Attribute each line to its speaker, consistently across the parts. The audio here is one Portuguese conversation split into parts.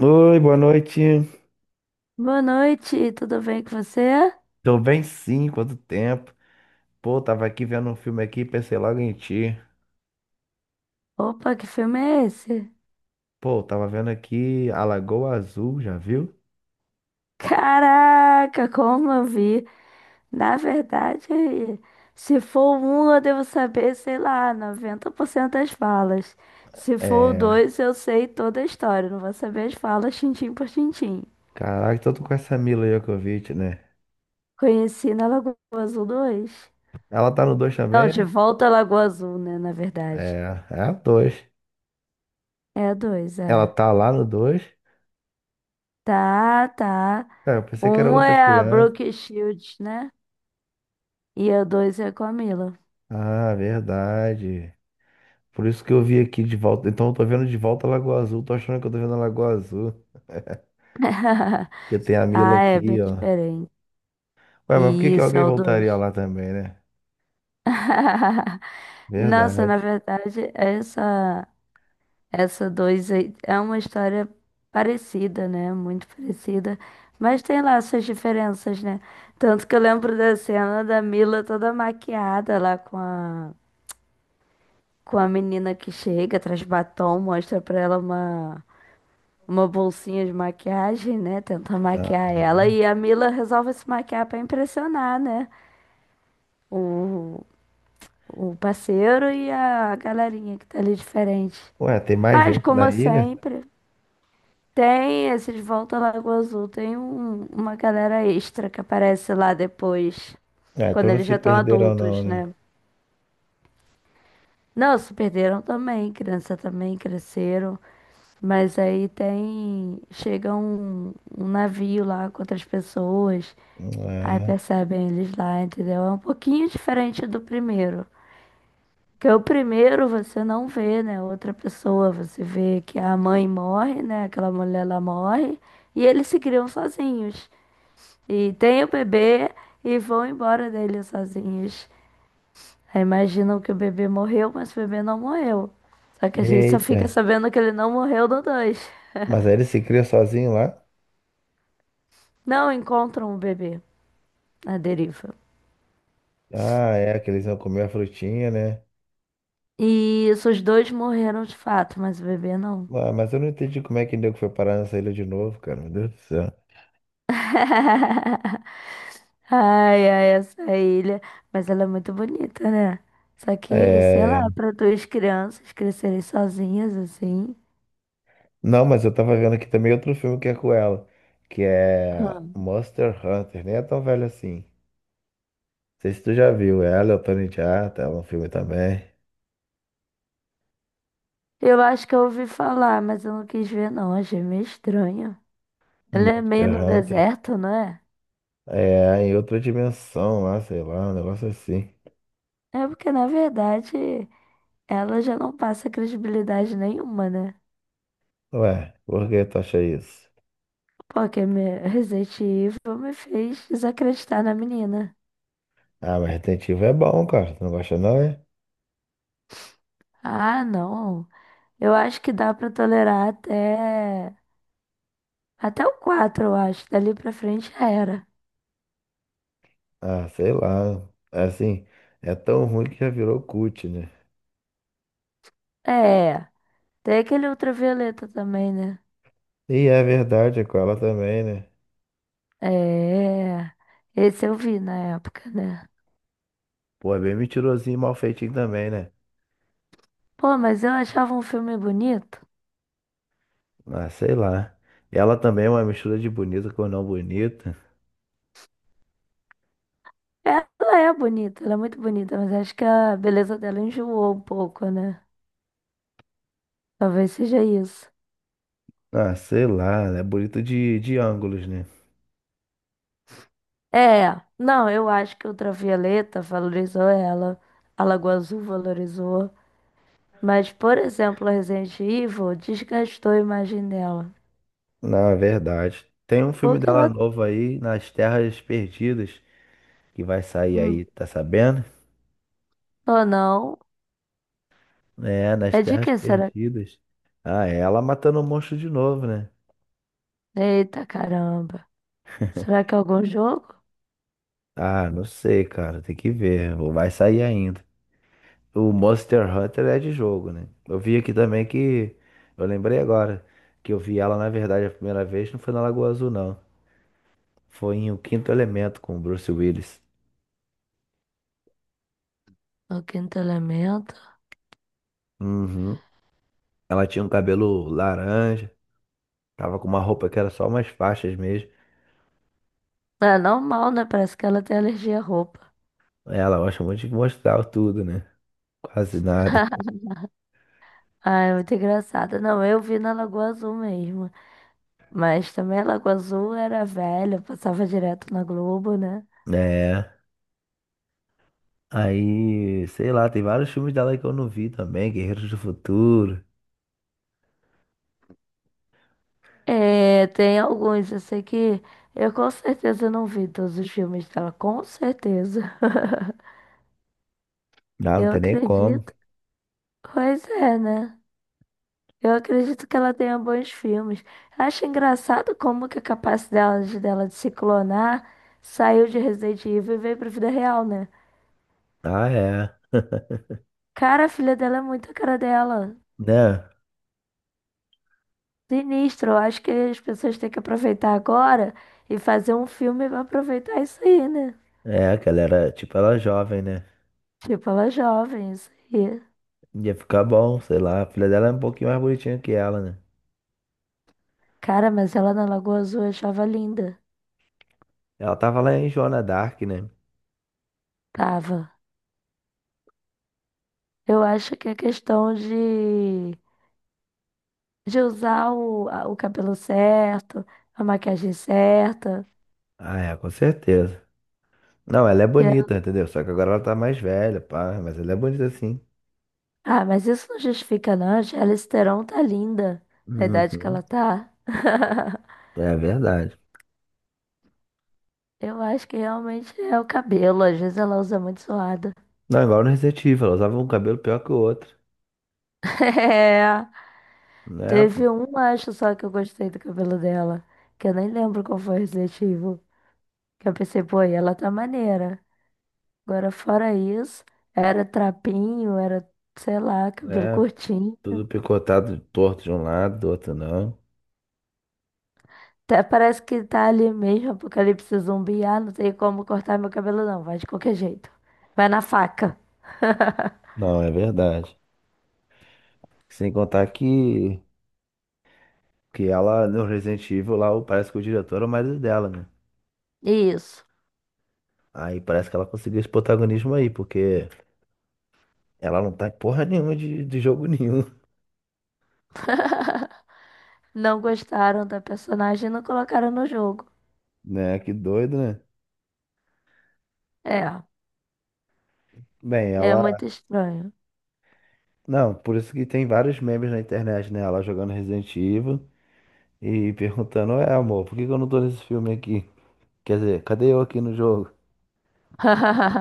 Speaker 1: Oi, boa noite.
Speaker 2: Boa noite, tudo bem com você?
Speaker 1: Tô bem sim, quanto tempo. Pô, tava aqui vendo um filme aqui, pensei logo em ti.
Speaker 2: Opa, que filme é esse?
Speaker 1: Pô, tava vendo aqui A Lagoa Azul, já viu?
Speaker 2: Caraca, como eu vi. Na verdade, se for o um, eu devo saber, sei lá, 90% das falas. Se for o
Speaker 1: É,
Speaker 2: dois, eu sei toda a história, não vou saber as falas tintim por tintim.
Speaker 1: caraca, tô com essa Mila Djokovic, né?
Speaker 2: Conheci na Lagoa Azul 2?
Speaker 1: Ela tá no 2
Speaker 2: Não,
Speaker 1: também,
Speaker 2: de
Speaker 1: é?
Speaker 2: volta à Lagoa Azul, né, na verdade.
Speaker 1: É, é a 2.
Speaker 2: É dois,
Speaker 1: Ela
Speaker 2: é.
Speaker 1: tá lá no dois.
Speaker 2: Tá, tá.
Speaker 1: É, eu pensei que era
Speaker 2: Um
Speaker 1: outras
Speaker 2: é a
Speaker 1: crianças.
Speaker 2: Brooke Shields, né? E a dois é com a Mila.
Speaker 1: Ah, verdade. Por isso que eu vi aqui de volta. Então eu tô vendo de volta a Lagoa Azul, tô achando que eu tô vendo a Lagoa Azul. Porque tem a Mila
Speaker 2: Ah, é
Speaker 1: aqui,
Speaker 2: bem
Speaker 1: ó.
Speaker 2: diferente.
Speaker 1: Ué, mas por que que
Speaker 2: Isso,
Speaker 1: alguém
Speaker 2: é o
Speaker 1: voltaria
Speaker 2: 2.
Speaker 1: lá também, né?
Speaker 2: Nossa, na
Speaker 1: Verdade.
Speaker 2: verdade, essa 2 é uma história parecida, né? Muito parecida. Mas tem lá suas diferenças, né? Tanto que eu lembro da cena da Mila toda maquiada lá com com a menina que chega, traz batom, mostra pra ela uma bolsinha de maquiagem, né? Tenta maquiar ela.
Speaker 1: Aham.
Speaker 2: E a Mila resolve se maquiar pra impressionar, né? o, o parceiro e a galerinha que tá ali diferente.
Speaker 1: Ué, tem mais
Speaker 2: Mas,
Speaker 1: gente na
Speaker 2: como
Speaker 1: ilha?
Speaker 2: sempre, tem esses Volta à Lagoa Azul, tem uma galera extra que aparece lá depois,
Speaker 1: Ah,
Speaker 2: quando
Speaker 1: então não
Speaker 2: eles já
Speaker 1: se
Speaker 2: estão
Speaker 1: perderam não,
Speaker 2: adultos,
Speaker 1: né?
Speaker 2: né? Não, se perderam também, criança também cresceram, mas aí tem, chega um, um navio lá com outras pessoas, aí
Speaker 1: Ah,
Speaker 2: percebem eles lá, entendeu? É um pouquinho diferente do primeiro. Porque o primeiro você não vê, né? Outra pessoa, você vê que a mãe morre, né? Aquela mulher lá morre, e eles se criam sozinhos. E tem o bebê e vão embora dele sozinhos. Aí imaginam que o bebê morreu, mas o bebê não morreu. Só que a gente só
Speaker 1: eita.
Speaker 2: fica sabendo que ele não morreu no dois.
Speaker 1: Mas aí ele se cria sozinho lá?
Speaker 2: Não encontram o bebê na deriva.
Speaker 1: Ah, é, que eles iam comer a frutinha, né?
Speaker 2: E isso, os dois morreram de fato, mas o bebê não.
Speaker 1: Ah, mas eu não entendi como é que nego foi parar nessa ilha de novo, cara. Meu Deus do céu.
Speaker 2: Ai, ai, essa ilha. Mas ela é muito bonita, né? Só que, sei
Speaker 1: É...
Speaker 2: lá, para duas crianças crescerem sozinhas assim.
Speaker 1: Não, mas eu tava vendo aqui também outro filme que é com ela, que é
Speaker 2: Ah.
Speaker 1: Monster Hunter. Nem é tão velho assim. Não sei se tu já viu ela, é o Tony Jaa, tá? É um filme também.
Speaker 2: Eu acho que eu ouvi falar, mas eu não quis ver, não. Achei meio estranho. Ela é meio
Speaker 1: Monster
Speaker 2: no
Speaker 1: Hunter.
Speaker 2: deserto, não é?
Speaker 1: É, em outra dimensão lá, sei lá, um negócio assim.
Speaker 2: É porque, na verdade, ela já não passa credibilidade nenhuma, né?
Speaker 1: Ué, por que tu acha isso?
Speaker 2: Porque Resident Evil me fez desacreditar na menina.
Speaker 1: Ah, mas Resident Evil é bom, cara. Tu não gosta não, é?
Speaker 2: Ah, não. Eu acho que dá pra tolerar até. Até o 4 eu acho. Dali pra frente já era.
Speaker 1: Ah, sei lá. É Assim, é tão ruim que já virou cult, né?
Speaker 2: É. Tem aquele ultravioleta também, né?
Speaker 1: E é verdade, é com ela também, né?
Speaker 2: É. Esse eu vi na época, né?
Speaker 1: Pô, é bem mentirosinho e mal feitinho também, né?
Speaker 2: Pô, mas eu achava um filme bonito.
Speaker 1: Ah, sei lá. Ela também é uma mistura de bonita com não bonita.
Speaker 2: Ela é bonita, ela é muito bonita, mas acho que a beleza dela enjoou um pouco, né? Talvez seja isso.
Speaker 1: Ah, sei lá, é bonito de ângulos, né?
Speaker 2: É, não, eu acho que Ultravioleta valorizou ela, a Lagoa Azul valorizou, mas, por exemplo, a Resident Evil desgastou a imagem dela.
Speaker 1: Na verdade. Tem um filme
Speaker 2: Porque
Speaker 1: dela
Speaker 2: ela.
Speaker 1: novo aí, Nas Terras Perdidas. Que vai sair
Speaker 2: hum,
Speaker 1: aí, tá sabendo?
Speaker 2: Ou não?
Speaker 1: É, nas
Speaker 2: É de que
Speaker 1: Terras
Speaker 2: será?
Speaker 1: Perdidas. Ah, é ela matando o monstro de novo, né?
Speaker 2: Eita caramba. Será que é algum jogo?
Speaker 1: Ah, não sei, cara, tem que ver. Ou vai sair ainda. O Monster Hunter é de jogo, né? Eu vi aqui também que. Eu lembrei agora que eu vi ela, na verdade, a primeira vez não foi na Lagoa Azul, não. Foi em O Quinto Elemento com o Bruce Willis.
Speaker 2: O quinto elemento?
Speaker 1: Uhum. Ela tinha um cabelo laranja, tava com uma roupa que era só umas faixas mesmo.
Speaker 2: É normal, né? Parece que ela tem alergia à roupa.
Speaker 1: Ela gosta muito de mostrar tudo, né? Quase nada.
Speaker 2: Ah, é muito engraçado. Não, eu vi na Lagoa Azul mesmo. Mas também a Lagoa Azul era velha, passava direto na Globo, né?
Speaker 1: É. Aí, sei lá, tem vários filmes dela que eu não vi também, Guerreiros do Futuro.
Speaker 2: É, tem alguns, eu sei que eu com certeza não vi todos os filmes dela, com certeza.
Speaker 1: Não, não
Speaker 2: Eu
Speaker 1: tem nem como.
Speaker 2: acredito. Pois é, né? Eu acredito que ela tenha bons filmes. Acho engraçado como que a capacidade dela de se clonar saiu de Resident Evil e veio pra vida real, né?
Speaker 1: Ah, é.
Speaker 2: Cara, a filha dela é muito a cara dela.
Speaker 1: Né?
Speaker 2: Sinistro. Eu acho que as pessoas têm que aproveitar agora e fazer um filme pra aproveitar isso aí, né?
Speaker 1: É, que ela era, tipo, ela é jovem, né?
Speaker 2: Tipo, ela é jovem, isso aí.
Speaker 1: Ia ficar bom, sei lá. A filha dela é um pouquinho mais bonitinha que ela, né?
Speaker 2: Cara, mas ela na Lagoa Azul eu achava linda.
Speaker 1: Ela tava lá em Joana Dark, né?
Speaker 2: Tava. Eu acho que é questão de usar o cabelo certo, a maquiagem certa.
Speaker 1: Ah, é, com certeza. Não, ela é
Speaker 2: porque-
Speaker 1: bonita, entendeu? Só que agora ela tá mais velha, pá. Mas ela é bonita sim.
Speaker 2: Ah, mas isso não justifica, não. A Charlize Theron tá linda na idade que
Speaker 1: Uhum.
Speaker 2: ela tá.
Speaker 1: É verdade.
Speaker 2: Eu acho que realmente é o cabelo. Às vezes ela usa muito suado.
Speaker 1: Não, igual no Resident Evil, ela usava um cabelo pior que o outro.
Speaker 2: É,
Speaker 1: Né, pô?
Speaker 2: teve um, acho só que eu gostei do cabelo dela. Que eu nem lembro qual foi o objetivo. Que eu pensei, pô, e ela tá maneira. Agora, fora isso, era trapinho, sei lá, cabelo
Speaker 1: É.
Speaker 2: curtinho.
Speaker 1: Tudo picotado, torto de um lado, do outro não.
Speaker 2: Até parece que tá ali mesmo, apocalipse zumbi. Ah, não tem como cortar meu cabelo, não. Vai de qualquer jeito. Vai na faca.
Speaker 1: Não, é verdade. Sem contar que, ela, no Resident Evil, lá, parece que o diretor é o marido dela, né?
Speaker 2: Isso.
Speaker 1: Aí parece que ela conseguiu esse protagonismo aí, porque ela não tá em porra nenhuma de jogo nenhum,
Speaker 2: Não gostaram da personagem e não colocaram no jogo.
Speaker 1: né? Que doido, né?
Speaker 2: É,
Speaker 1: Bem,
Speaker 2: é muito
Speaker 1: ela.
Speaker 2: estranho.
Speaker 1: Não, por isso que tem vários memes na internet, né? Ela jogando Resident Evil e perguntando: Ué, amor, por que que eu não tô nesse filme aqui? Quer dizer, cadê eu aqui no jogo?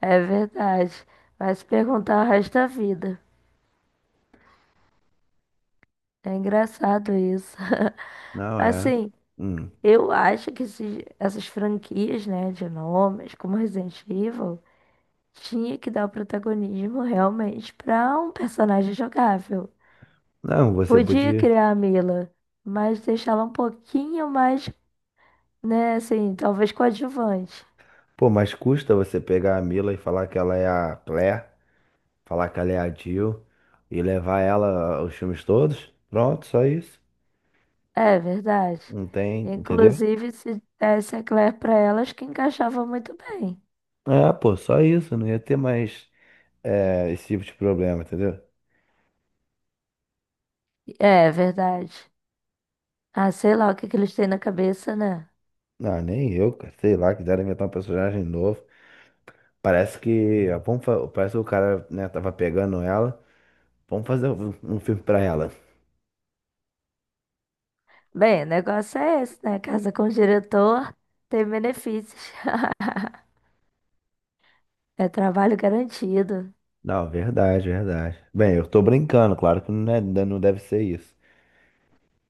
Speaker 2: É verdade. Vai se perguntar o resto da vida. É engraçado isso.
Speaker 1: Não, é.
Speaker 2: Assim,
Speaker 1: Hum.
Speaker 2: eu acho que essas franquias, né, de nomes, como Resident Evil. Tinha que dar o protagonismo realmente para um personagem jogável.
Speaker 1: Não, você
Speaker 2: Podia
Speaker 1: podia.
Speaker 2: criar a Mila, mas deixá-la um pouquinho mais, né, assim, talvez coadjuvante.
Speaker 1: Pô, mas custa você pegar a Mila e falar que ela é a Claire, falar que ela é a Jill e levar ela aos filmes todos? Pronto, só isso.
Speaker 2: É verdade.
Speaker 1: Não tem, entendeu?
Speaker 2: Inclusive, se desse a Claire para elas, que encaixava muito bem.
Speaker 1: É, pô, só isso. Não ia ter mais é, esse tipo de problema, entendeu?
Speaker 2: É verdade. Ah, sei lá o que que eles têm na cabeça, né?
Speaker 1: Não, nem eu, cara. Sei lá, quiseram inventar um personagem novo. Parece que, ah, vamos, parece que o cara, né, tava pegando ela. Vamos fazer um filme pra ela.
Speaker 2: Bem, o negócio é esse, né? Casa com o diretor tem benefícios. É trabalho garantido.
Speaker 1: Não, verdade, verdade. Bem, eu tô brincando, claro que não não deve ser isso.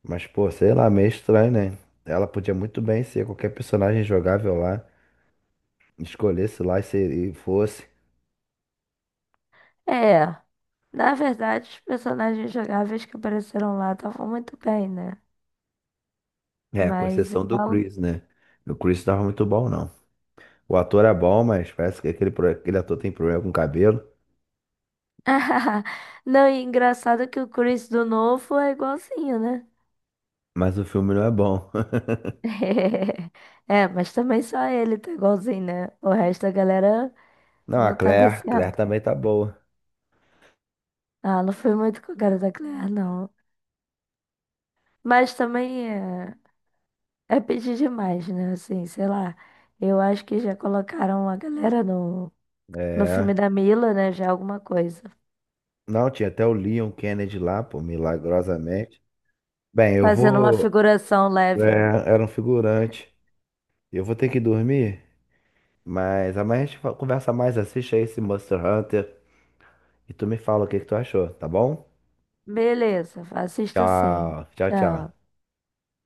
Speaker 1: Mas, pô, sei lá, meio estranho, né? Ela podia muito bem ser qualquer personagem jogável lá, escolhesse lá e, e fosse.
Speaker 2: É, na verdade, os personagens jogáveis que apareceram lá estavam muito bem, né?
Speaker 1: É, com
Speaker 2: Mas
Speaker 1: exceção do
Speaker 2: ela.
Speaker 1: Chris, né? O Chris não tava muito bom, não. O ator é bom, mas parece que aquele, aquele ator tem problema com cabelo.
Speaker 2: Não, e engraçado que o Chris do novo é igualzinho, né?
Speaker 1: Mas o filme não é bom.
Speaker 2: É, mas também só ele tá igualzinho, né? O resto da galera
Speaker 1: Não, a
Speaker 2: não tá
Speaker 1: Claire
Speaker 2: descendo.
Speaker 1: também tá boa.
Speaker 2: Ah, não foi muito com a cara da Claire, não. Mas também é pedir demais, né? Assim, sei lá. Eu acho que já colocaram a galera no filme
Speaker 1: É.
Speaker 2: da Mila, né? Já é alguma coisa.
Speaker 1: Não, tinha até o Leon Kennedy lá, pô, milagrosamente. Bem, eu
Speaker 2: Fazendo uma
Speaker 1: vou.
Speaker 2: figuração leve, né?
Speaker 1: É, era um figurante. Eu vou ter que dormir. Mas amanhã a gente conversa mais, assiste aí esse Monster Hunter e tu me fala o que que tu achou, tá bom?
Speaker 2: Beleza, assisto sim.
Speaker 1: Tchau, tchau, tchau.
Speaker 2: Tchau.